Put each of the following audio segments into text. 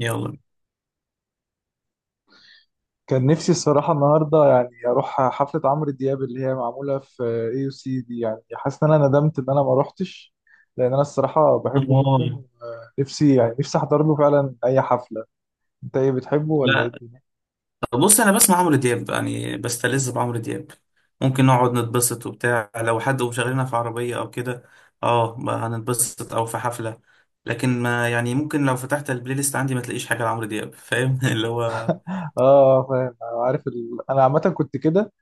يلا. كان نفسي الصراحة النهاردة يعني أروح حفلة عمرو دياب اللي هي معمولة في اي يو سي دي. يعني حاسس إن أنا ندمت إن أنا ما روحتش، لأن أنا الصراحة بحبه جدا، اه. ونفسي يعني نفسي أحضر له فعلا أي حفلة. أنت إيه بتحبه ولا إيه لا، الدنيا؟ بص انا بسمع عمرو دياب، يعني بستلذ بعمرو دياب. ممكن نقعد نتبسط وبتاع لو حد مشغلنا في عربية او كده. اه، ما هنتبسط او في حفلة. لكن ما يعني ممكن لو فتحت البلاي ليست عندي ما تلاقيش حاجة لعمرو دياب، فاهم؟ اللي هو آه فاهم. عارف أنا عامة كنت كده،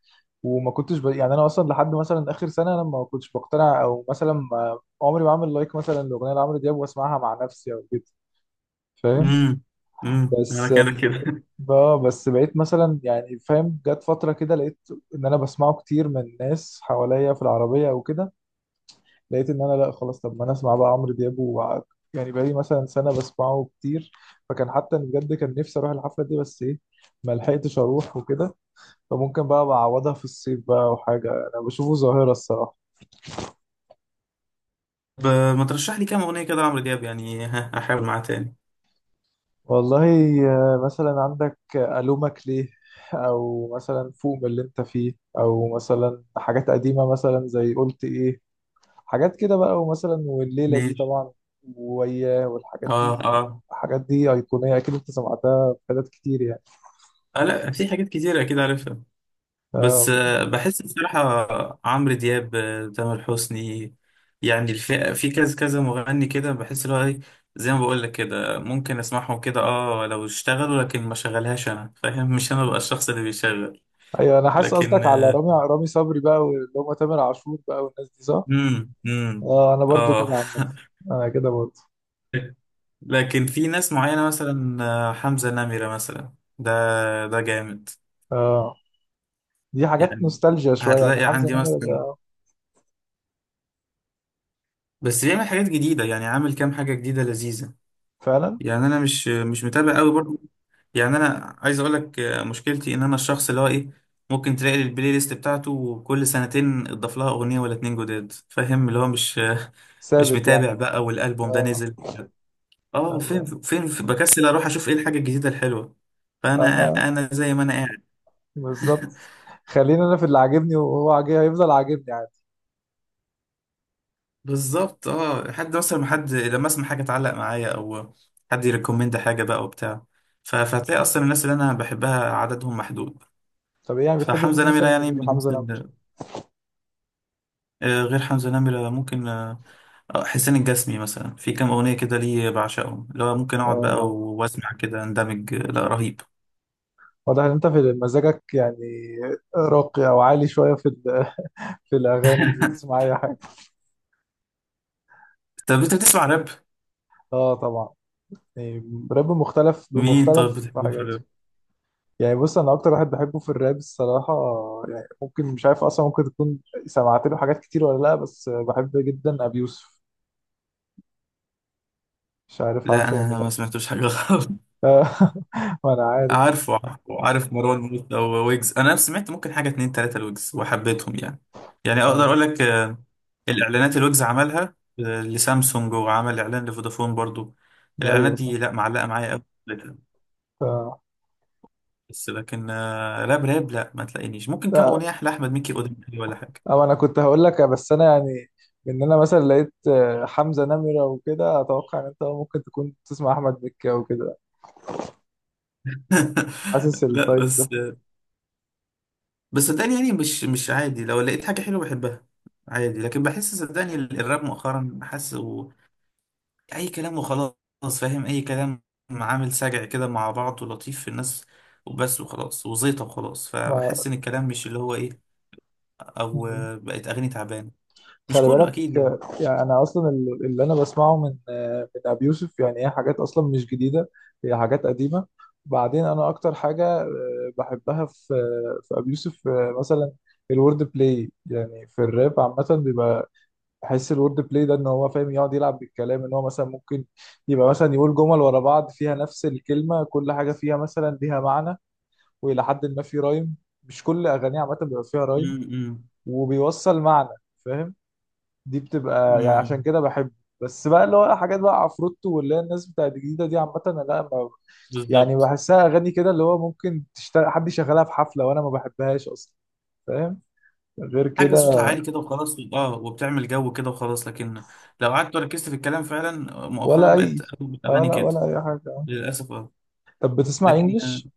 وما كنتش يعني أنا أصلا لحد مثلا آخر سنة أنا ما كنتش بقتنع، أو مثلا ما... عمري ما أعمل لايك مثلا لأغنية لعمرو دياب وأسمعها مع نفسي أو كده. فاهم؟ امم انا بس كده كده. اه بس بقيت مثلا، يعني فاهم، جت فترة كده لقيت ان انا بسمعه كتير من ناس حواليا في العربية او كده. لقيت ان انا لا خلاص، طب ما انا اسمع بقى عمرو دياب يعني بقالي مثلا سنة بسمعه كتير. فكان حتى أنا بجد كان نفسي اروح الحفلة دي، بس ايه، ما لحقتش اروح وكده. فممكن بقى بعوضها في الصيف بقى او حاجة. انا بشوفه ظاهرة الصراحة. طب ما ترشح لي كام اغنية كده لعمرو دياب يعني؟ ها احاول معاه تاني. والله مثلا عندك ألومك ليه، او مثلا فوق من اللي انت فيه، او مثلا حاجات قديمة مثلا زي قلت ايه، حاجات كده بقى، ومثلا والليلة دي ماشي. طبعا، وياه، والحاجات اه دي. اه. الحاجات دي أيقونية، أكيد أنت سمعتها في حتت كتير يعني. لا، في حاجات كتيرة كده عارفها. بس آه، بحس بصراحة عمرو دياب، تامر حسني، يعني الفئة في كذا كذا مغني كده، بحس اللي هو إيه، زي ما بقول لك كده، ممكن اسمعهم كده اه لو اشتغلوا، لكن ما شغلهاش انا فاهم؟ مش انا بقى الشخص اللي بيشغل. أيوة أنا حاسس لكن قصدك على رامي صبري بقى، واللي هم تامر عاشور بقى، والناس دي، صح؟ امم امم آه، أنا برضو اه. كده عامة. أنا كده برضو. لكن في ناس معينة مثلا، حمزة نمرة مثلا، ده ده جامد. آه، دي حاجات يعني نوستالجيا شوية يعني، هتلاقي حمزة عندي نمرة مثلا، ده بس بيعمل حاجات جديدة، يعني عامل كام حاجة جديدة لذيذة. فعلا يعني انا مش متابع قوي برضه. يعني انا عايز اقول لك مشكلتي ان انا الشخص اللي هو ايه، ممكن تلاقي البلاي ليست بتاعته كل سنتين اضاف لها اغنيه ولا اتنين جداد، فاهم؟ اللي هو مش مش ثابت متابع يعني. بقى، والالبوم ده آه نزل اه فين أيوة. فين بكسل اروح اشوف ايه الحاجه الجديده الحلوه. فانا أنا انا زي ما انا قاعد. بالظبط. خلينا أنا في اللي عاجبني، وهو عاجب هيفضل عاجبني عادي. بالظبط. اه، حد مثلا، ما حد لما اسمع حاجه تعلق معايا او حد يريكومند حاجه بقى وبتاع، فهتلاقي اصلا الناس اللي انا بحبها عددهم محدود. طب إيه يعني، بتحب مين فحمزه نمره مثلا يعني من غير الناس. حمزة نمرة؟ غير حمزة نمرة ممكن حسين الجسمي مثلا، في كام أغنية كده ليه بعشقهم، لو ممكن أقعد بقى اه وأسمع كده أندمج، لا، رهيب. واضح ان انت في مزاجك يعني راقي او عالي شويه في في الاغاني مش بتسمع اي حاجه. طب أنت بتسمع راب؟ اه طبعا، يعني راب مختلف مين طب بمختلف بتحبه في حاجاته. الراب؟ يعني بص، انا اكتر واحد بحبه في الراب الصراحه، يعني ممكن مش عارف اصلا، ممكن تكون سمعت له حاجات كتير ولا لا، بس بحب جدا ابي يوسف. مش عارف لا، عارفه أنا ولا أنا لا ما سمعتوش حاجة خالص. آه، ما انا عارف. عارف مروان موسى وويجز. أنا سمعت ممكن حاجة اتنين تلاتة لويجز وحبيتهم، يعني يعني أقدر أقول لك الإعلانات اللي ويجز عملها لسامسونج، وعمل إعلان لفودافون برضو. الإعلانات ايوه صح. دي لا، معلقة معايا أوي. بس لكن راب راب لا، ما تلاقينيش ممكن كام آه. اغنيه لاحمد مكي قدامي ولا حاجه. أو أنا كنت هقول لك، بس أنا يعني إن أنا مثلا لقيت حمزة نمرة وكده، أتوقع إن أنت ممكن تكون تسمع أحمد مكي أو كده. حاسس لا التايب ده. بس صدقني، يعني مش عادي لو لقيت حاجه حلوه بحبها عادي، لكن بحس صدقني الراب مؤخرا حاسه اي كلام وخلاص، فاهم؟ اي كلام، عامل سجع كده مع بعض ولطيف في الناس، وبس وخلاص وزيطه وخلاص. ما فبحس ان الكلام مش اللي هو ايه، او بقت اغاني تعبانه. مش خلي كله بالك، اكيد يعني. يعني أنا أصلا اللي أنا بسمعه من من أبي يوسف، يعني هي حاجات أصلا مش جديدة، هي حاجات قديمة. بعدين أنا أكتر حاجة بحبها في في أبي يوسف مثلا الورد بلاي. يعني في الراب عامة بيبقى، بحس الورد بلاي ده ان هو فاهم يقعد يلعب بالكلام، ان هو مثلا ممكن يبقى مثلا يقول جمل ورا بعض فيها نفس الكلمه، كل حاجه فيها مثلا ليها معنى، والى حد ما في رايم. مش كل اغانيه عامه بيبقى فيها رايم، امم وبيوصل معنى. فاهم؟ دي بتبقى يعني عشان امم كده بحبه. بس بقى اللي هو حاجات بقى عفروتو، واللي هي الناس بتاعت الجديده دي عامه، أنا لا ما يعني، بالظبط. بحسها اغاني كده اللي هو ممكن تشتغل، حد يشغلها في حفله وانا ما بحبهاش اصلا. فاهم؟ غير حاجة صوتها كده عالي كده وخلاص اه، وبتعمل جو كده وخلاص، لكن لو قعدت وركزت في الكلام فعلا، مؤخرا ولا اي بقت أغلب اه الأغاني لا كده ولا اي حاجه. للأسف. اه طب بتسمع لكن اه، انجلش؟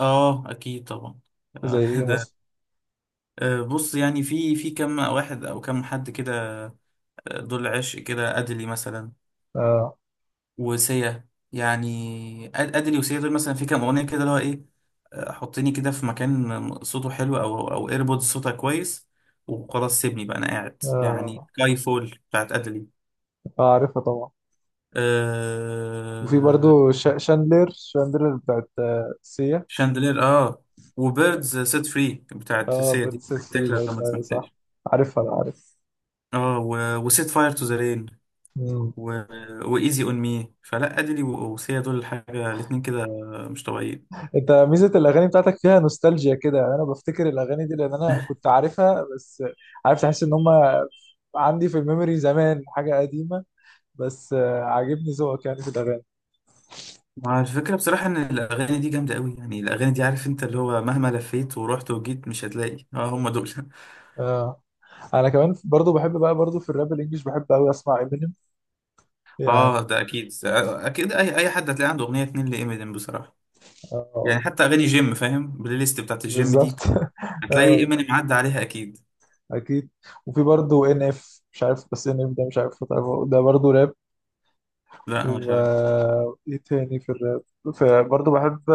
أكيد طبعا. زي آه، ايه ده مثلا؟ بص، يعني في كم واحد أو كم حد كده، دول عشق كده، أدلي مثلا، اه وسيا، يعني أدلي وسيا دول مثلا، في كام أغنية كده، اللي هو إيه، حطيني كده في مكان صوته حلو، أو إيربودز صوتها كويس، وخلاص سيبني بقى، أنا قاعد، يعني اه سكاي فول بتاعت أدلي. عارفها طبعا. وفي آه... برضو شاندلر بتاعت سيا. شاندلير، اه، وبيردز سيت فري بتاعت اه سيا بتاعت دي، سيس فري تاكل برضو، لو ما ايوه صح. سمعتهاش. عارفها انا عارف. اه وسيت فاير تو ذا رين، مم. و... وايزي اون مي، فلا ادلي وسيا دول حاجه، الاتنين كده مش طبيعيين. انت ميزه الاغاني بتاعتك فيها نوستالجيا كده يعني، انا بفتكر الاغاني دي لان انا كنت عارفها بس، عارف، تحس ان هم عندي في الميموري زمان حاجه قديمه. بس عاجبني ذوقك يعني في الاغاني. مع الفكره، بصراحه ان الاغاني دي جامده قوي. يعني الاغاني دي، عارف انت، اللي هو مهما لفيت ورحت وجيت مش هتلاقي اه هم دول. اه انا كمان برضو بحب بقى، برضو في الراب الانجليش بحب قوي اسمع امينيم اه، يعني. ده اكيد اكيد، اي حد هتلاقي عنده اغنيه اتنين لإمينيم بصراحه. اه يعني حتى اغاني جيم، فاهم؟ البلاي ليست بتاعت الجيم دي بالظبط هتلاقي اه ايماني معدي عليها اكيد. اكيد. وفي برضه ان اف، مش عارف، بس ان اف ده مش عارف تعرفه. ده برضه راب. لا أنا مش و عارف. ايه تاني في الراب؟ فبرضه بحب،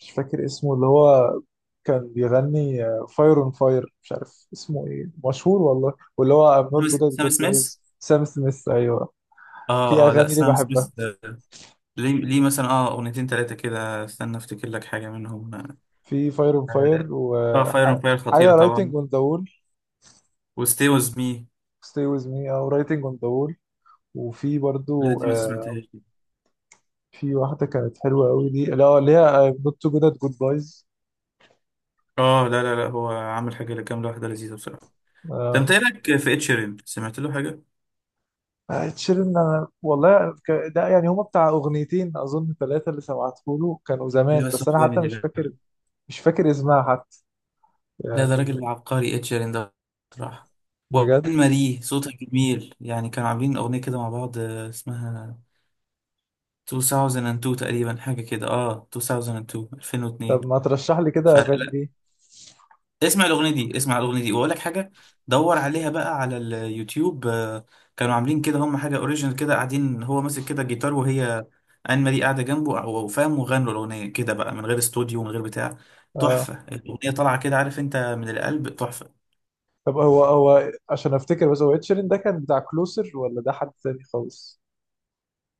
مش فاكر اسمه، اللي هو كان بيغني فاير اون فاير، مش عارف اسمه ايه، مشهور والله، واللي هو ام سام نوت جود ات سام جود سميث؟ بويز، سام سميث ايوه. في اه اه، لا اغاني ليه سام بحبها. سميث، ليه مثلا اه، اغنيتين ثلاثه كده، استنى افتكر لك حاجه منهم. في فاير اون فاير، اه، فاير اون فاير خطيره وحاجه طبعا، رايتنج اون ذا وول، وستي ويز مي. ستي ويز مي، او رايتنج اون ذا وول. وفي لا برضه دي ما سمعتهاش دي. في واحدة كانت حلوة قوي دي، لا اللي هي نوت تو جود ات جود بايز. اه لا لا لا، هو عامل حاجه كام واحده لذيذه بصراحه. ده انت اه إيه رايك في اتشيرين؟ سمعت له حاجه؟ تشيرن، انا والله ده يعني هما بتاع اغنيتين اظن ثلاثة اللي سمعته له، كانوا لا زمان، بس بس هو انا حتى جامد يا مش جدع. فاكر. مش فاكر اسمها حتى لا، ده يعني. راجل عبقري اتشيرين ده بصراحه. وان بجد. ماري صوتها جميل. يعني كانوا عاملين اغنيه كده مع بعض اسمها 2002 تقريبا، حاجة كده، اه 2002 طب 2002. ما ترشح لي كده فلا اغاني لا، دي. اسمع الأغنية دي، اسمع الأغنية دي وأقول لك حاجة. دور عليها بقى على اليوتيوب. كانوا عاملين كده، هم حاجة أوريجينال كده قاعدين، هو ماسك كده جيتار وهي آن ماري قاعدة جنبه أو أو فاهم، وغنوا الأغنية كده بقى من غير استوديو من غير بتاع. اه تحفة، الأغنية طالعة كده عارف أنت، من القلب، تحفة. طب هو عشان افتكر، بس هو تشيرن ده كان بتاع كلوسر، ولا ده حد تاني خالص؟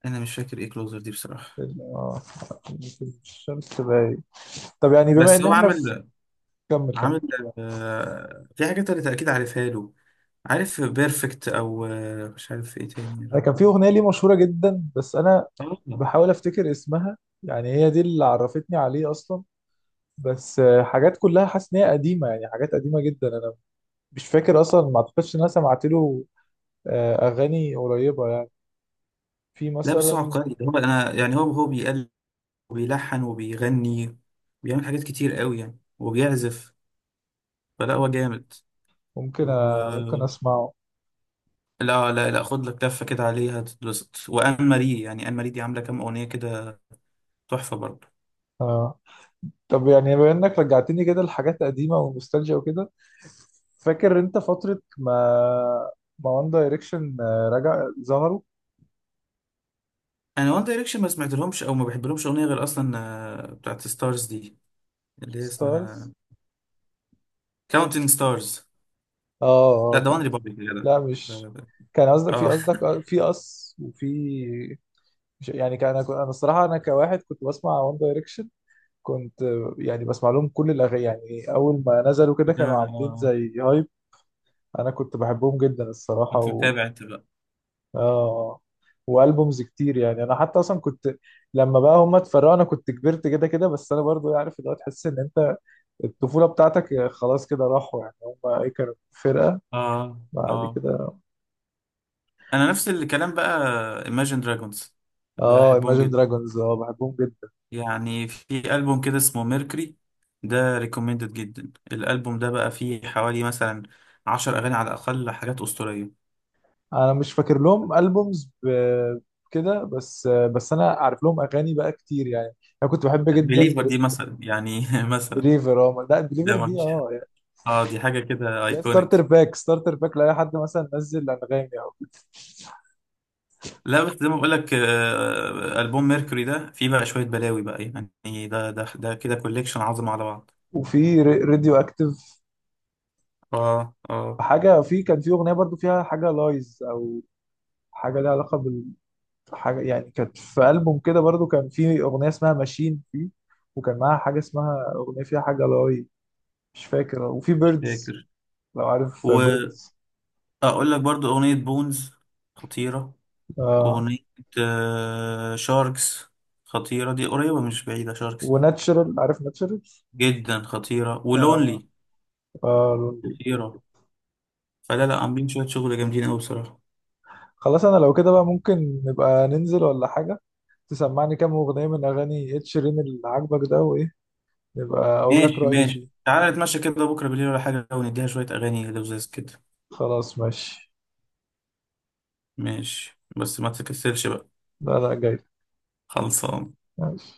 أنا مش فاكر إيه كلوزر دي بصراحة. ال- اه الشمس باين. طب يعني بما بس ان هو احنا في، عامل كمل كمل. عامل في حاجات أنا أكيد عارفها له. عارف بيرفكت، أو مش عارف إيه تاني يا انا كان في ربي. اغنيه ليه مشهوره جدا، بس انا آه، بحاول افتكر اسمها، يعني هي دي اللي عرفتني عليه اصلا. بس حاجات كلها حاسس ان هي قديمه يعني، حاجات قديمه جدا. انا مش فاكر اصلا، ما اعتقدش ان انا سمعت له اغاني قريبه يعني. في لا بس هو مثلا، عبقري ده، هو أنا يعني، هو بيقل وبيلحن وبيغني، بيعمل حاجات كتير قوي يعني، وبيعزف. فلا، هو جامد. ممكن و اسمعه. لا لا لا، خد لك لفة كده عليها تتبسط. وآن ماري، يعني آن ماري دي عاملة كام أغنية كده، تحفة برضه. آه. طب يعني بما انك رجعتني كده لحاجات قديمه ونوستالجيا وكده، فاكر انت فتره ما وان دايركشن رجع ظهروا؟ أنا وان دايركشن ما سمعت لهمش أو ما بحب لهمش أغنية، غير أصلا بتاعت ستارز دي، اللي هي ستارز اسمها كاونتين ستارز. اه لا اه ده كان. وان ريبابليك يا جدع. لا مش ده- ده- كان. قصدك في اه. قصدك في قص، وفي يعني كان، أنا الصراحه انا كواحد كنت بسمع وان دايركشن. كنت يعني بسمع لهم كل الاغاني، يعني اول ما نزلوا كده لا، كانوا عاملين اه، زي هايب. انا كنت بحبهم جدا الصراحه كنت متابع انت بقى. اه والبومز كتير يعني. انا حتى اصلا كنت، لما بقى هم اتفرقوا انا كنت كبرت كده كده، بس انا برضو عارف اللي هو، تحس ان انت الطفوله بتاعتك خلاص كده راحوا يعني. هم ايه كانوا فرقه اه اه، بعد كده. انا نفس الكلام بقى. Imagine Dragons اه بحبهم Imagine جدا. Dragons، اه بحبهم جدا. يعني في ألبوم كده اسمه ميركوري، ده ريكومندد جدا، الألبوم ده بقى فيه حوالي مثلا 10 أغاني على الأقل حاجات أسطورية. انا مش فاكر لهم البومز كده، بس انا عارف لهم اغاني بقى كتير يعني. انا كنت بحب جدا. بليفر دي مثلا يعني، مثلا بليفر اه، لا بليفر ده ما دي فيش حاجة، اه يعني. اه، دي حاجة كده لا ستارتر ايكونيك. باك، ستارتر باك لاي حد مثلا نزل انغامي او. لا بس زي ما بقول لك ألبوم ميركوري ده فيه بقى شوية بلاوي بقى، يعني ده ده كده كوليكشن عظمة على بعض. وفي راديو اكتيف اه اه، حاجه. في كان في اغنيه برضو فيها حاجه لايز او حاجه ليها علاقه بالحاجه يعني، كانت في البوم كده برضو كان في اغنيه اسمها ماشين فيه، وكان معاها حاجه اسمها اغنيه فيها حاجه لاي، مش فاكر. وفي مش بيردز، فاكر. لو عارف وأقول بيردز. لك برضو أغنية بونز خطيرة، آه أغنية شاركس خطيرة، دي قريبة مش بعيدة شاركس دي، وناتشرال، عارف ناتشرال؟ جدا خطيرة، آه. ولونلي آه لوندي. خطيرة. فلا لا، عاملين شوية شغل جامدين أوي بصراحة. خلاص، انا لو كده بقى ممكن نبقى ننزل ولا حاجة، تسمعني كام أغنية من أغاني إد شيرين اللي عاجبك ده، وإيه نبقى أقول لك ماشي رأيي ماشي، فيه. تعالى نتمشى كده بكرة بالليل ولا حاجة، ونديها شوية أغاني لذيذ كده. خلاص ماشي. ماشي، بس ما تكسلش بقى. لا لا جاي. خلصان. ماشي.